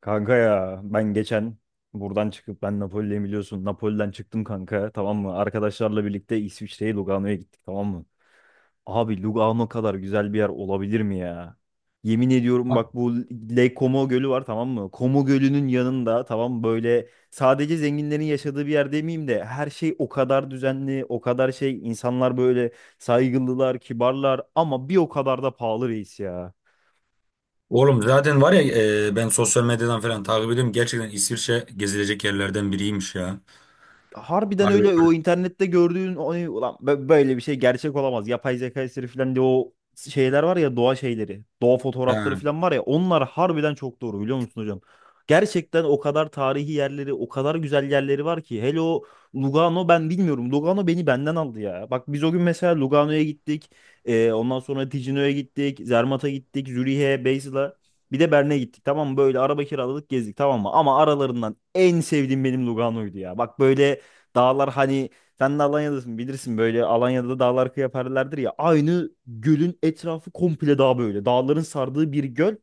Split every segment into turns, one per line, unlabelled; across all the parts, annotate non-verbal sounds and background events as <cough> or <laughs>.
Kanka ya ben geçen buradan çıkıp ben Napoli'deyim biliyorsun. Napoli'den çıktım kanka tamam mı? Arkadaşlarla birlikte İsviçre'ye Lugano'ya gittik tamam mı? Abi Lugano kadar güzel bir yer olabilir mi ya? Yemin ediyorum bak bu Lake Como Gölü var tamam mı? Como Gölü'nün yanında tamam böyle sadece zenginlerin yaşadığı bir yer demeyeyim de her şey o kadar düzenli, o kadar şey insanlar böyle saygılılar, kibarlar ama bir o kadar da pahalı reis ya.
Oğlum zaten var ya, ben sosyal medyadan falan takip ediyorum. Gerçekten İsviçre gezilecek yerlerden biriymiş ya.
Harbiden
Harbi.
öyle o internette gördüğün o, ulan böyle bir şey gerçek olamaz. Yapay zeka eseri falan diye o şeyler var ya doğa şeyleri. Doğa fotoğrafları
Ha.
falan var ya onlar harbiden çok doğru biliyor musun hocam? Gerçekten o kadar tarihi yerleri, o kadar güzel yerleri var ki. Hele o Lugano ben bilmiyorum. Lugano beni benden aldı ya. Bak biz o gün mesela Lugano'ya gittik. Ondan sonra Ticino'ya gittik. Zermatt'a gittik. Zürih'e, Basel'a. Bir de Bern'e gittik tamam mı? Böyle araba kiraladık gezdik tamam mı? Ama aralarından en sevdiğim benim Lugano'ydu ya. Bak böyle dağlar hani sen de Alanya'dasın bilirsin böyle Alanya'da dağlar yaparlardır ya. Aynı gölün etrafı komple dağ böyle. Dağların sardığı bir göl.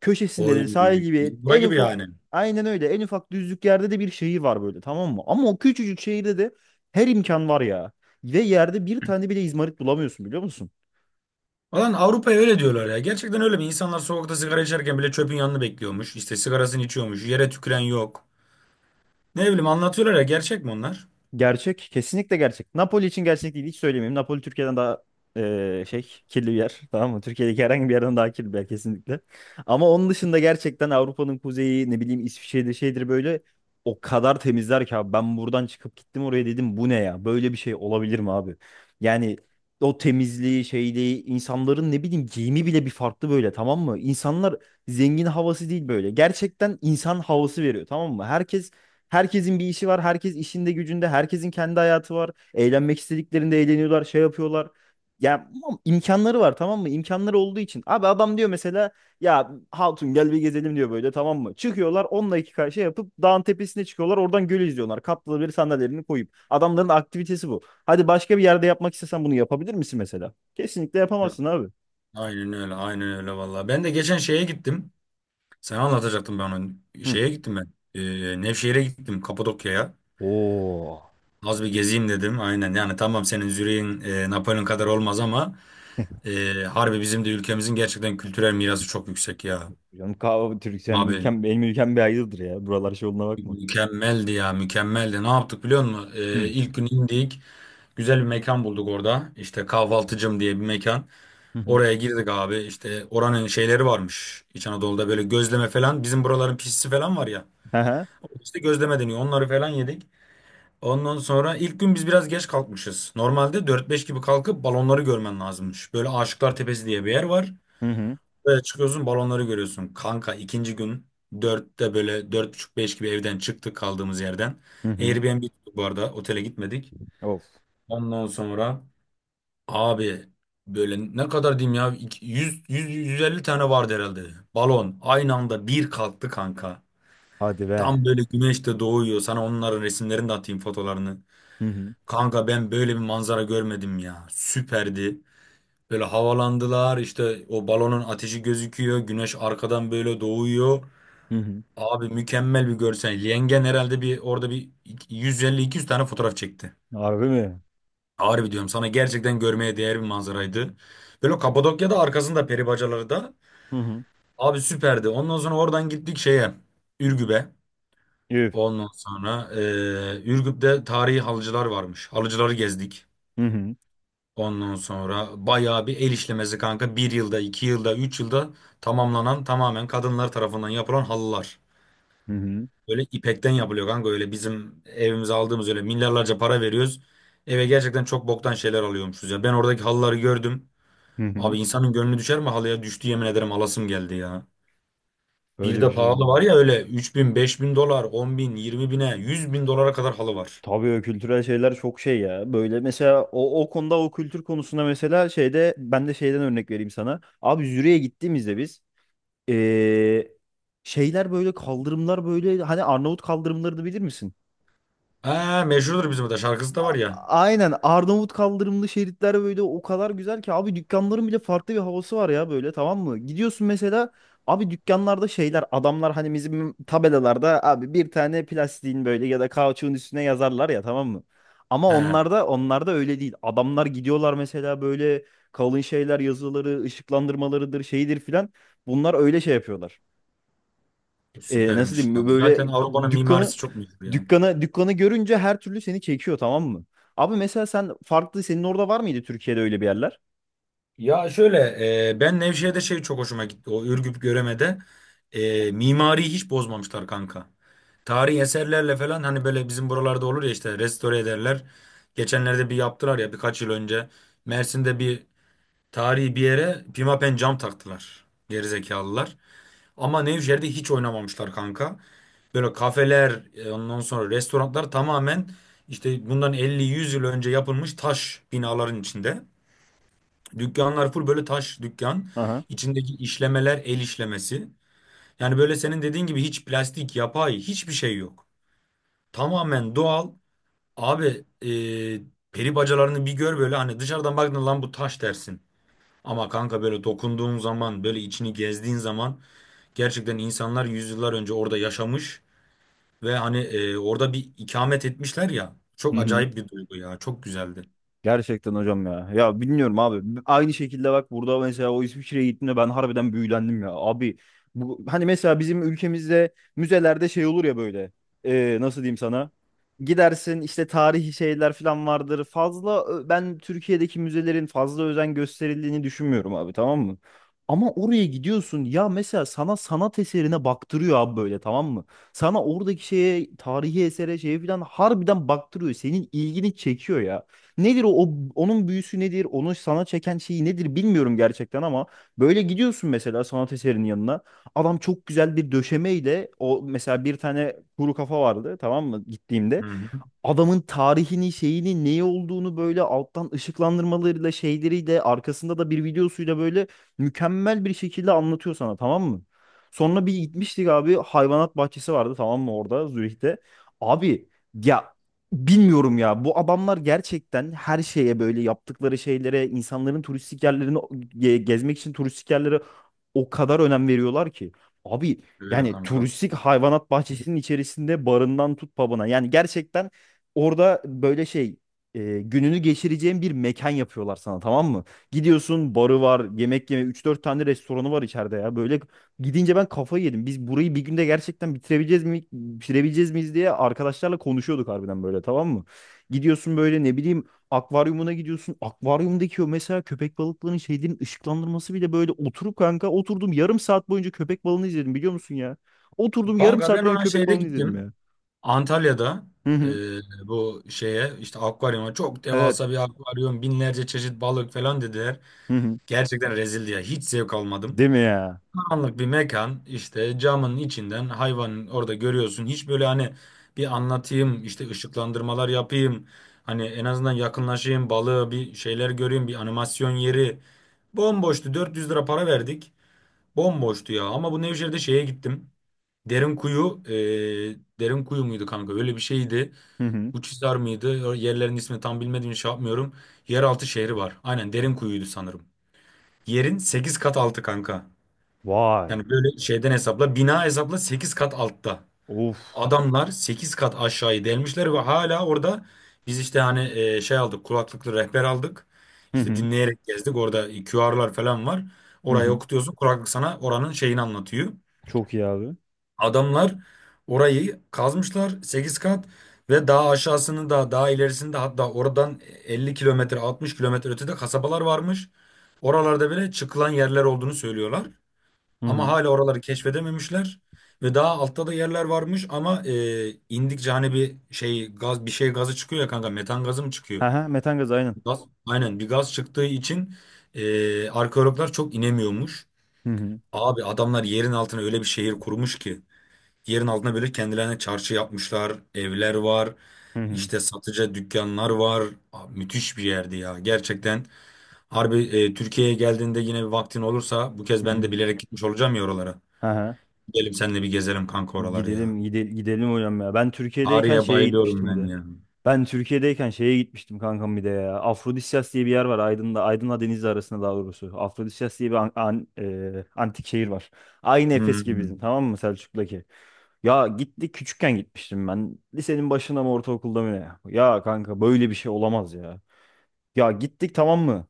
Köşesinde
Oy.
de sahil gibi
Biz bura
en
gibi
ufak
yani.
aynen öyle en ufak düzlük yerde de bir şehir var böyle tamam mı? Ama o küçücük şehirde de her imkan var ya. Ve yerde bir tane bile izmarit bulamıyorsun biliyor musun?
Ulan Avrupa'ya öyle diyorlar ya. Gerçekten öyle mi? İnsanlar sokakta sigara içerken bile çöpün yanını bekliyormuş. İşte sigarasını içiyormuş. Yere tüküren yok. Ne bileyim anlatıyorlar ya. Gerçek mi onlar?
Gerçek. Kesinlikle gerçek. Napoli için gerçek değil. Hiç söylemeyeyim. Napoli Türkiye'den daha şey kirli bir yer. Tamam mı? Türkiye'deki herhangi bir yerden daha kirli bir yer kesinlikle. Ama onun dışında gerçekten Avrupa'nın kuzeyi ne bileyim İsviçre'de şeydir böyle o kadar temizler ki abi. Ben buradan çıkıp gittim oraya dedim bu ne ya? Böyle bir şey olabilir mi abi? Yani o temizliği şeyliği insanların ne bileyim giyimi bile bir farklı böyle tamam mı? İnsanlar zengin havası değil böyle. Gerçekten insan havası veriyor tamam mı? Herkesin bir işi var. Herkes işinde gücünde. Herkesin kendi hayatı var. Eğlenmek istediklerinde eğleniyorlar. Şey yapıyorlar. Ya ama imkanları var tamam mı? İmkanları olduğu için. Abi adam diyor mesela ya Hatun gel bir gezelim diyor böyle tamam mı? Çıkıyorlar 10 iki şey yapıp dağın tepesine çıkıyorlar. Oradan gölü izliyorlar. Katlı bir sandalyelerini koyup. Adamların aktivitesi bu. Hadi başka bir yerde yapmak istesen bunu yapabilir misin mesela? Kesinlikle
Ya,
yapamazsın abi.
aynen öyle. Aynen öyle vallahi. Ben de geçen şeye gittim. Sana anlatacaktım ben onu.
Hı.
Şeye gittim ben. Nevşehir'e gittim. Kapadokya'ya.
Oo.
Az bir gezeyim dedim. Aynen yani, tamam, senin Zürih'in Napolyon kadar olmaz ama harbi bizim de ülkemizin gerçekten kültürel mirası çok yüksek ya.
Canım kahve Türksem
Abi
ülkem benim ülkem bir ayrıdır ya. Buralar şey olduğuna bakma.
mükemmeldi ya, mükemmeldi. Ne yaptık biliyor musun?
Hı.
İlk gün indik. Güzel bir mekan bulduk orada. İşte kahvaltıcım diye bir mekan.
Hı
Oraya girdik abi. İşte oranın şeyleri varmış. İç Anadolu'da böyle gözleme falan. Bizim buraların pişisi falan var ya.
hı. <laughs>
İşte gözleme deniyor. Onları falan yedik. Ondan sonra ilk gün biz biraz geç kalkmışız. Normalde dört beş gibi kalkıp balonları görmen lazımmış. Böyle Aşıklar Tepesi diye bir yer var.
Hı hı.
Böyle çıkıyorsun, balonları görüyorsun. Kanka, ikinci gün 4'te, böyle dört buçuk beş gibi evden çıktık, kaldığımız yerden.
Hı hı.
Airbnb tuttuk bu arada, otele gitmedik.
Of.
Ondan sonra abi, böyle ne kadar diyeyim ya, yüz, yüz yüz elli tane vardı herhalde. Balon aynı anda bir kalktı kanka.
Hadi be.
Tam böyle güneş de doğuyor. Sana onların resimlerini de atayım, fotolarını.
Hı hı.
Kanka, ben böyle bir manzara görmedim ya. Süperdi. Böyle havalandılar, işte o balonun ateşi gözüküyor. Güneş arkadan böyle doğuyor.
Hı hı.
Abi, mükemmel bir görsel. Yengen herhalde bir orada bir 150-200 tane fotoğraf çekti.
Harbi mi?
Harbi diyorum sana, gerçekten görmeye değer bir manzaraydı. Böyle Kapadokya'da arkasında peri bacaları da.
Hı hı.
Abi süperdi. Ondan sonra oradan gittik şeye. Ürgüp'e.
Üf.
Ondan sonra Ürgüp'te tarihi halıcılar varmış. Halıcıları gezdik.
Hı hı.
Ondan sonra bayağı bir el işlemesi kanka. Bir yılda, iki yılda, üç yılda tamamlanan, tamamen kadınlar tarafından yapılan halılar.
Hı hı.
Böyle ipekten yapılıyor kanka. Öyle bizim evimize aldığımız, öyle milyarlarca para veriyoruz. Eve gerçekten çok boktan şeyler alıyormuşuz ya. Ben oradaki halıları gördüm.
Hı hı.
Abi, insanın gönlü düşer mi halıya? Düştü, yemin ederim alasım geldi ya. Bir
Böyle bir
de
şey
pahalı var
olmadı.
ya, öyle 3 bin 5 bin dolar, 10 bin, 20 bine, 100 bin dolara kadar halı var.
Tabii o kültürel şeyler çok şey ya. Böyle mesela o, o konuda o kültür konusunda mesela şeyde ben de şeyden örnek vereyim sana. Abi Zürich'e gittiğimizde biz ee, şeyler böyle kaldırımlar böyle hani Arnavut kaldırımlarını bilir misin?
Ha, meşhurdur, bizim de şarkısı da var ya.
Aynen Arnavut kaldırımlı şeritler böyle o kadar güzel ki abi dükkanların bile farklı bir havası var ya böyle tamam mı? Gidiyorsun mesela abi dükkanlarda şeyler adamlar hani bizim tabelalarda abi bir tane plastiğin böyle ya da kauçuğun üstüne yazarlar ya tamam mı? Ama
He.
onlarda öyle değil. Adamlar gidiyorlar mesela böyle kalın şeyler yazıları, ışıklandırmalarıdır, şeydir filan. Bunlar öyle şey yapıyorlar nasıl
Süpermiş ya.
diyeyim
Zaten
böyle
Avrupa'nın
dükkanı
mimarisi çok meşhur ya.
dükkanı görünce her türlü seni çekiyor tamam mı? Abi mesela sen farklı senin orada var mıydı Türkiye'de öyle bir yerler?
Ya şöyle, ben Nevşehir'de şey çok hoşuma gitti. O Ürgüp Göreme'de mimariyi hiç bozmamışlar kanka. Tarihi eserlerle falan, hani böyle bizim buralarda olur ya, işte restore ederler. Geçenlerde bir yaptılar ya birkaç yıl önce. Mersin'de bir tarihi bir yere pimapen cam taktılar. Gerizekalılar. Ama Nevşehir'de hiç oynamamışlar kanka. Böyle kafeler, ondan sonra restoranlar, tamamen işte bundan elli yüz yıl önce yapılmış taş binaların içinde. Dükkanlar full böyle taş dükkan.
Aha.
İçindeki işlemeler el işlemesi. Yani böyle senin dediğin gibi hiç plastik, yapay hiçbir şey yok. Tamamen doğal. Abi, e, peri bacalarını bir gör, böyle hani dışarıdan baktığında lan bu taş dersin. Ama kanka böyle dokunduğun zaman, böyle içini gezdiğin zaman gerçekten insanlar yüzyıllar önce orada yaşamış. Ve hani orada bir ikamet etmişler ya.
Hı
Çok
hı.
acayip bir duygu ya. Çok güzeldi.
Gerçekten hocam ya. Ya bilmiyorum abi. Aynı şekilde bak burada mesela o İsviçre'ye gittiğimde ben harbiden büyülendim ya. Abi bu hani mesela bizim ülkemizde müzelerde şey olur ya böyle. Nasıl diyeyim sana? Gidersin işte tarihi şeyler falan vardır. Ben Türkiye'deki müzelerin fazla özen gösterildiğini düşünmüyorum abi tamam mı? Ama oraya gidiyorsun ya mesela sana sanat eserine baktırıyor abi böyle tamam mı? Sana oradaki şeye tarihi esere şeye falan harbiden baktırıyor. Senin ilgini çekiyor ya. Nedir o, onun büyüsü nedir? Onu sana çeken şeyi nedir bilmiyorum gerçekten ama böyle gidiyorsun mesela sanat eserinin yanına. Adam çok güzel bir döşemeyle o mesela bir tane kuru kafa vardı tamam mı
Hı
gittiğimde
hı.
adamın tarihini, şeyini, neyi olduğunu böyle alttan ışıklandırmalarıyla, şeyleriyle, arkasında da bir videosuyla böyle mükemmel bir şekilde anlatıyor sana tamam mı? Sonra bir gitmiştik abi hayvanat bahçesi vardı tamam mı orada Zürih'te. Abi ya bilmiyorum ya bu adamlar gerçekten her şeye böyle yaptıkları şeylere insanların turistik yerlerini gezmek için turistik yerlere o kadar önem veriyorlar ki. Abi
Öyle
yani
kanka.
turistik hayvanat bahçesinin içerisinde barından tut pub'ına. Yani gerçekten orada böyle şey gününü geçireceğin bir mekan yapıyorlar sana tamam mı? Gidiyorsun barı var yemek yeme üç dört tane restoranı var içeride ya. Böyle gidince ben kafayı yedim. Biz burayı bir günde gerçekten bitirebileceğiz miyiz diye arkadaşlarla konuşuyorduk harbiden böyle tamam mı? Gidiyorsun böyle ne bileyim akvaryumuna gidiyorsun. Akvaryumdaki o mesela köpek balıklarının şeylerin ışıklandırması bile böyle oturup kanka oturdum yarım saat boyunca köpek balığını izledim biliyor musun ya? Oturdum yarım
Kanka
saat
ben
boyunca
ona
köpek
şeyde
balığını izledim
gittim.
ya.
Antalya'da
Hı
e,
hı.
bu şeye, işte akvaryuma, çok
Evet.
devasa bir akvaryum, binlerce çeşit balık falan dediler.
Hı hı.
Gerçekten rezildi ya. Hiç zevk almadım.
Değil mi ya?
Anlık bir mekan, işte camın içinden hayvanın orada görüyorsun. Hiç böyle hani bir anlatayım, işte ışıklandırmalar yapayım. Hani en azından yakınlaşayım balığı, bir şeyler göreyim, bir animasyon yeri. Bomboştu, 400 lira para verdik. Bomboştu ya. Ama bu Nevşehir'de şeye gittim. Derin kuyu, derin kuyu muydu kanka, öyle bir şeydi.
Hı hı.
Uçhisar mıydı? O yerlerin ismini tam bilmediğim için şey yapmıyorum. Yeraltı şehri var, aynen derin kuyuydu sanırım. Yerin 8 kat altı kanka.
Vay.
Yani böyle şeyden hesapla, bina hesapla, 8 kat altta.
Of.
Adamlar 8 kat aşağıyı delmişler ve hala orada biz işte hani şey aldık, kulaklıklı rehber aldık.
Hı
İşte
hı.
dinleyerek gezdik, orada QR'lar falan var.
Hı
Orayı
hı.
okutuyorsun, kulaklık sana oranın şeyini anlatıyor.
Çok iyi abi.
Adamlar orayı kazmışlar 8 kat ve daha aşağısını da, daha ilerisini de, hatta oradan 50 kilometre 60 kilometre ötede kasabalar varmış. Oralarda bile çıkılan yerler olduğunu söylüyorlar.
Hı
Ama
hı.
hala oraları keşfedememişler ve daha altta da yerler varmış ama indikçe hani bir şey gaz, bir şey gazı çıkıyor ya kanka, metan gazı mı çıkıyor?
Ha ha metan gazı aynen.
Gaz, aynen, bir gaz çıktığı için arkeologlar çok inemiyormuş.
Hı hı.
Abi adamlar yerin altına öyle bir şehir kurmuş ki, yerin altına böyle kendilerine çarşı yapmışlar, evler var,
Hı hı.
işte satıcı dükkanlar var. Abi, müthiş bir yerdi ya gerçekten. Harbi, Türkiye'ye geldiğinde yine bir vaktin olursa, bu kez ben
Hı
de bilerek gitmiş olacağım ya oralara.
hı.
Gidelim seninle bir gezelim kanka oraları ya.
Gidelim gidelim gidelim hocam ya. Ben Türkiye'deyken
Ağrı'ya
şeye
bayılıyorum
gitmiştim bir
ben
de.
ya.
Ben Türkiye'deyken şeye gitmiştim kankam bir de ya. Afrodisyas diye bir yer var Aydın'da. Aydın'la Denizli arasında daha doğrusu. Afrodisyas diye bir antik şehir var. Aynı
Hı
Efes gibi
hı.
bizim tamam mı Selçuk'taki. Ya gitti küçükken gitmiştim ben. Lisenin başında mı ortaokulda mı ne? Ya kanka böyle bir şey olamaz ya. Ya gittik tamam mı?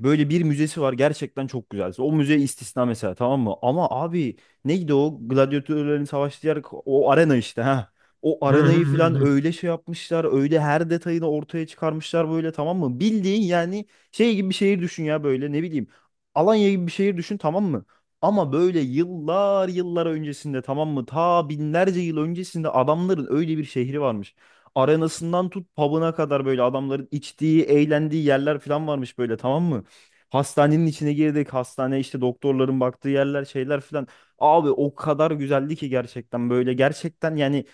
Böyle bir müzesi var gerçekten çok güzel. O müze istisna mesela tamam mı? Ama abi neydi o gladyatörlerin savaştığı yer o arena işte ha. O
Hı hı
arenayı
hı
falan
hı.
öyle şey yapmışlar. Öyle her detayını ortaya çıkarmışlar böyle tamam mı? Bildiğin yani şey gibi bir şehir düşün ya böyle ne bileyim. Alanya gibi bir şehir düşün tamam mı? Ama böyle yıllar yıllar öncesinde tamam mı? Ta binlerce yıl öncesinde adamların öyle bir şehri varmış. Arenasından tut pub'ına kadar böyle adamların içtiği, eğlendiği yerler falan varmış böyle tamam mı? Hastanenin içine girdik. Hastane işte doktorların baktığı yerler şeyler filan. Abi o kadar güzeldi ki gerçekten böyle gerçekten yani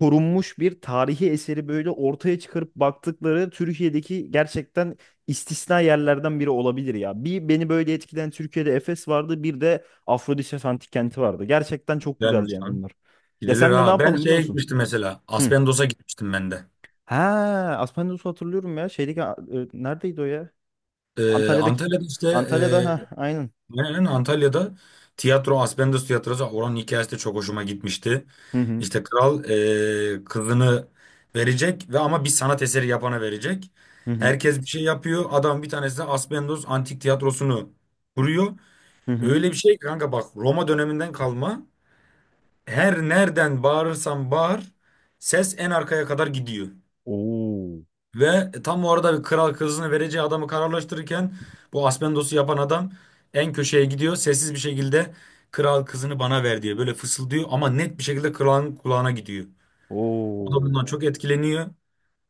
korunmuş bir tarihi eseri böyle ortaya çıkarıp baktıkları Türkiye'deki gerçekten istisna yerlerden biri olabilir ya. Bir beni böyle etkileyen Türkiye'de Efes vardı bir de Afrodisya Antik Kenti vardı. Gerçekten çok güzeldi
Güzelmiş
yani
lan.
onlar. Ya
Gidilir
sen de ne
ha. Ben
yapalım biliyor
şeye
musun?
gitmiştim mesela.
Hı.
Aspendos'a gitmiştim ben de.
Ha, Aspendios'u hatırlıyorum ya. Şeydeki neredeydi o ya? Antalya'daki
Antalya'da işte,
Antalya'da ha aynen.
aynen Antalya'da tiyatro, Aspendos tiyatrosu, oranın hikayesi de çok hoşuma gitmişti.
Hı hı.
İşte kral kızını verecek ve ama bir sanat eseri yapana verecek.
Hı hı.
Herkes bir şey yapıyor. Adam, bir tanesi de Aspendos Antik Tiyatrosu'nu kuruyor.
Hı hı.
Öyle bir şey kanka, bak Roma döneminden kalma. Her nereden bağırırsan bağır, ses en arkaya kadar gidiyor.
Oo.
Ve tam o arada bir kral kızını vereceği adamı kararlaştırırken bu Aspendos'u yapan adam en köşeye gidiyor. Sessiz bir şekilde, kral kızını bana ver diye böyle fısıldıyor ama net bir şekilde kralın kulağına gidiyor. O da
Oo.
bundan çok etkileniyor.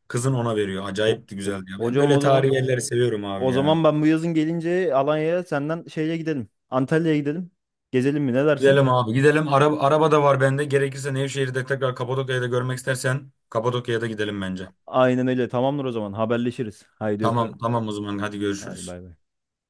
Kızın ona veriyor.
Ho-
Acayip de güzeldi ya. Ben
Hocam
böyle
o zaman
tarihi yerleri seviyorum abi ya.
ben bu yazın gelince Alanya'ya senden şeye gidelim. Antalya'ya gidelim. Gezelim mi ne dersin?
Gidelim abi, gidelim. Araba, araba da var bende. Gerekirse Nevşehir'de tekrar, Kapadokya'da görmek istersen Kapadokya'ya da gidelim bence.
Aynen öyle. Tamamdır o zaman. Haberleşiriz. Haydi öpüyorum.
Tamam tamam, o zaman hadi
Hadi
görüşürüz.
bay bay.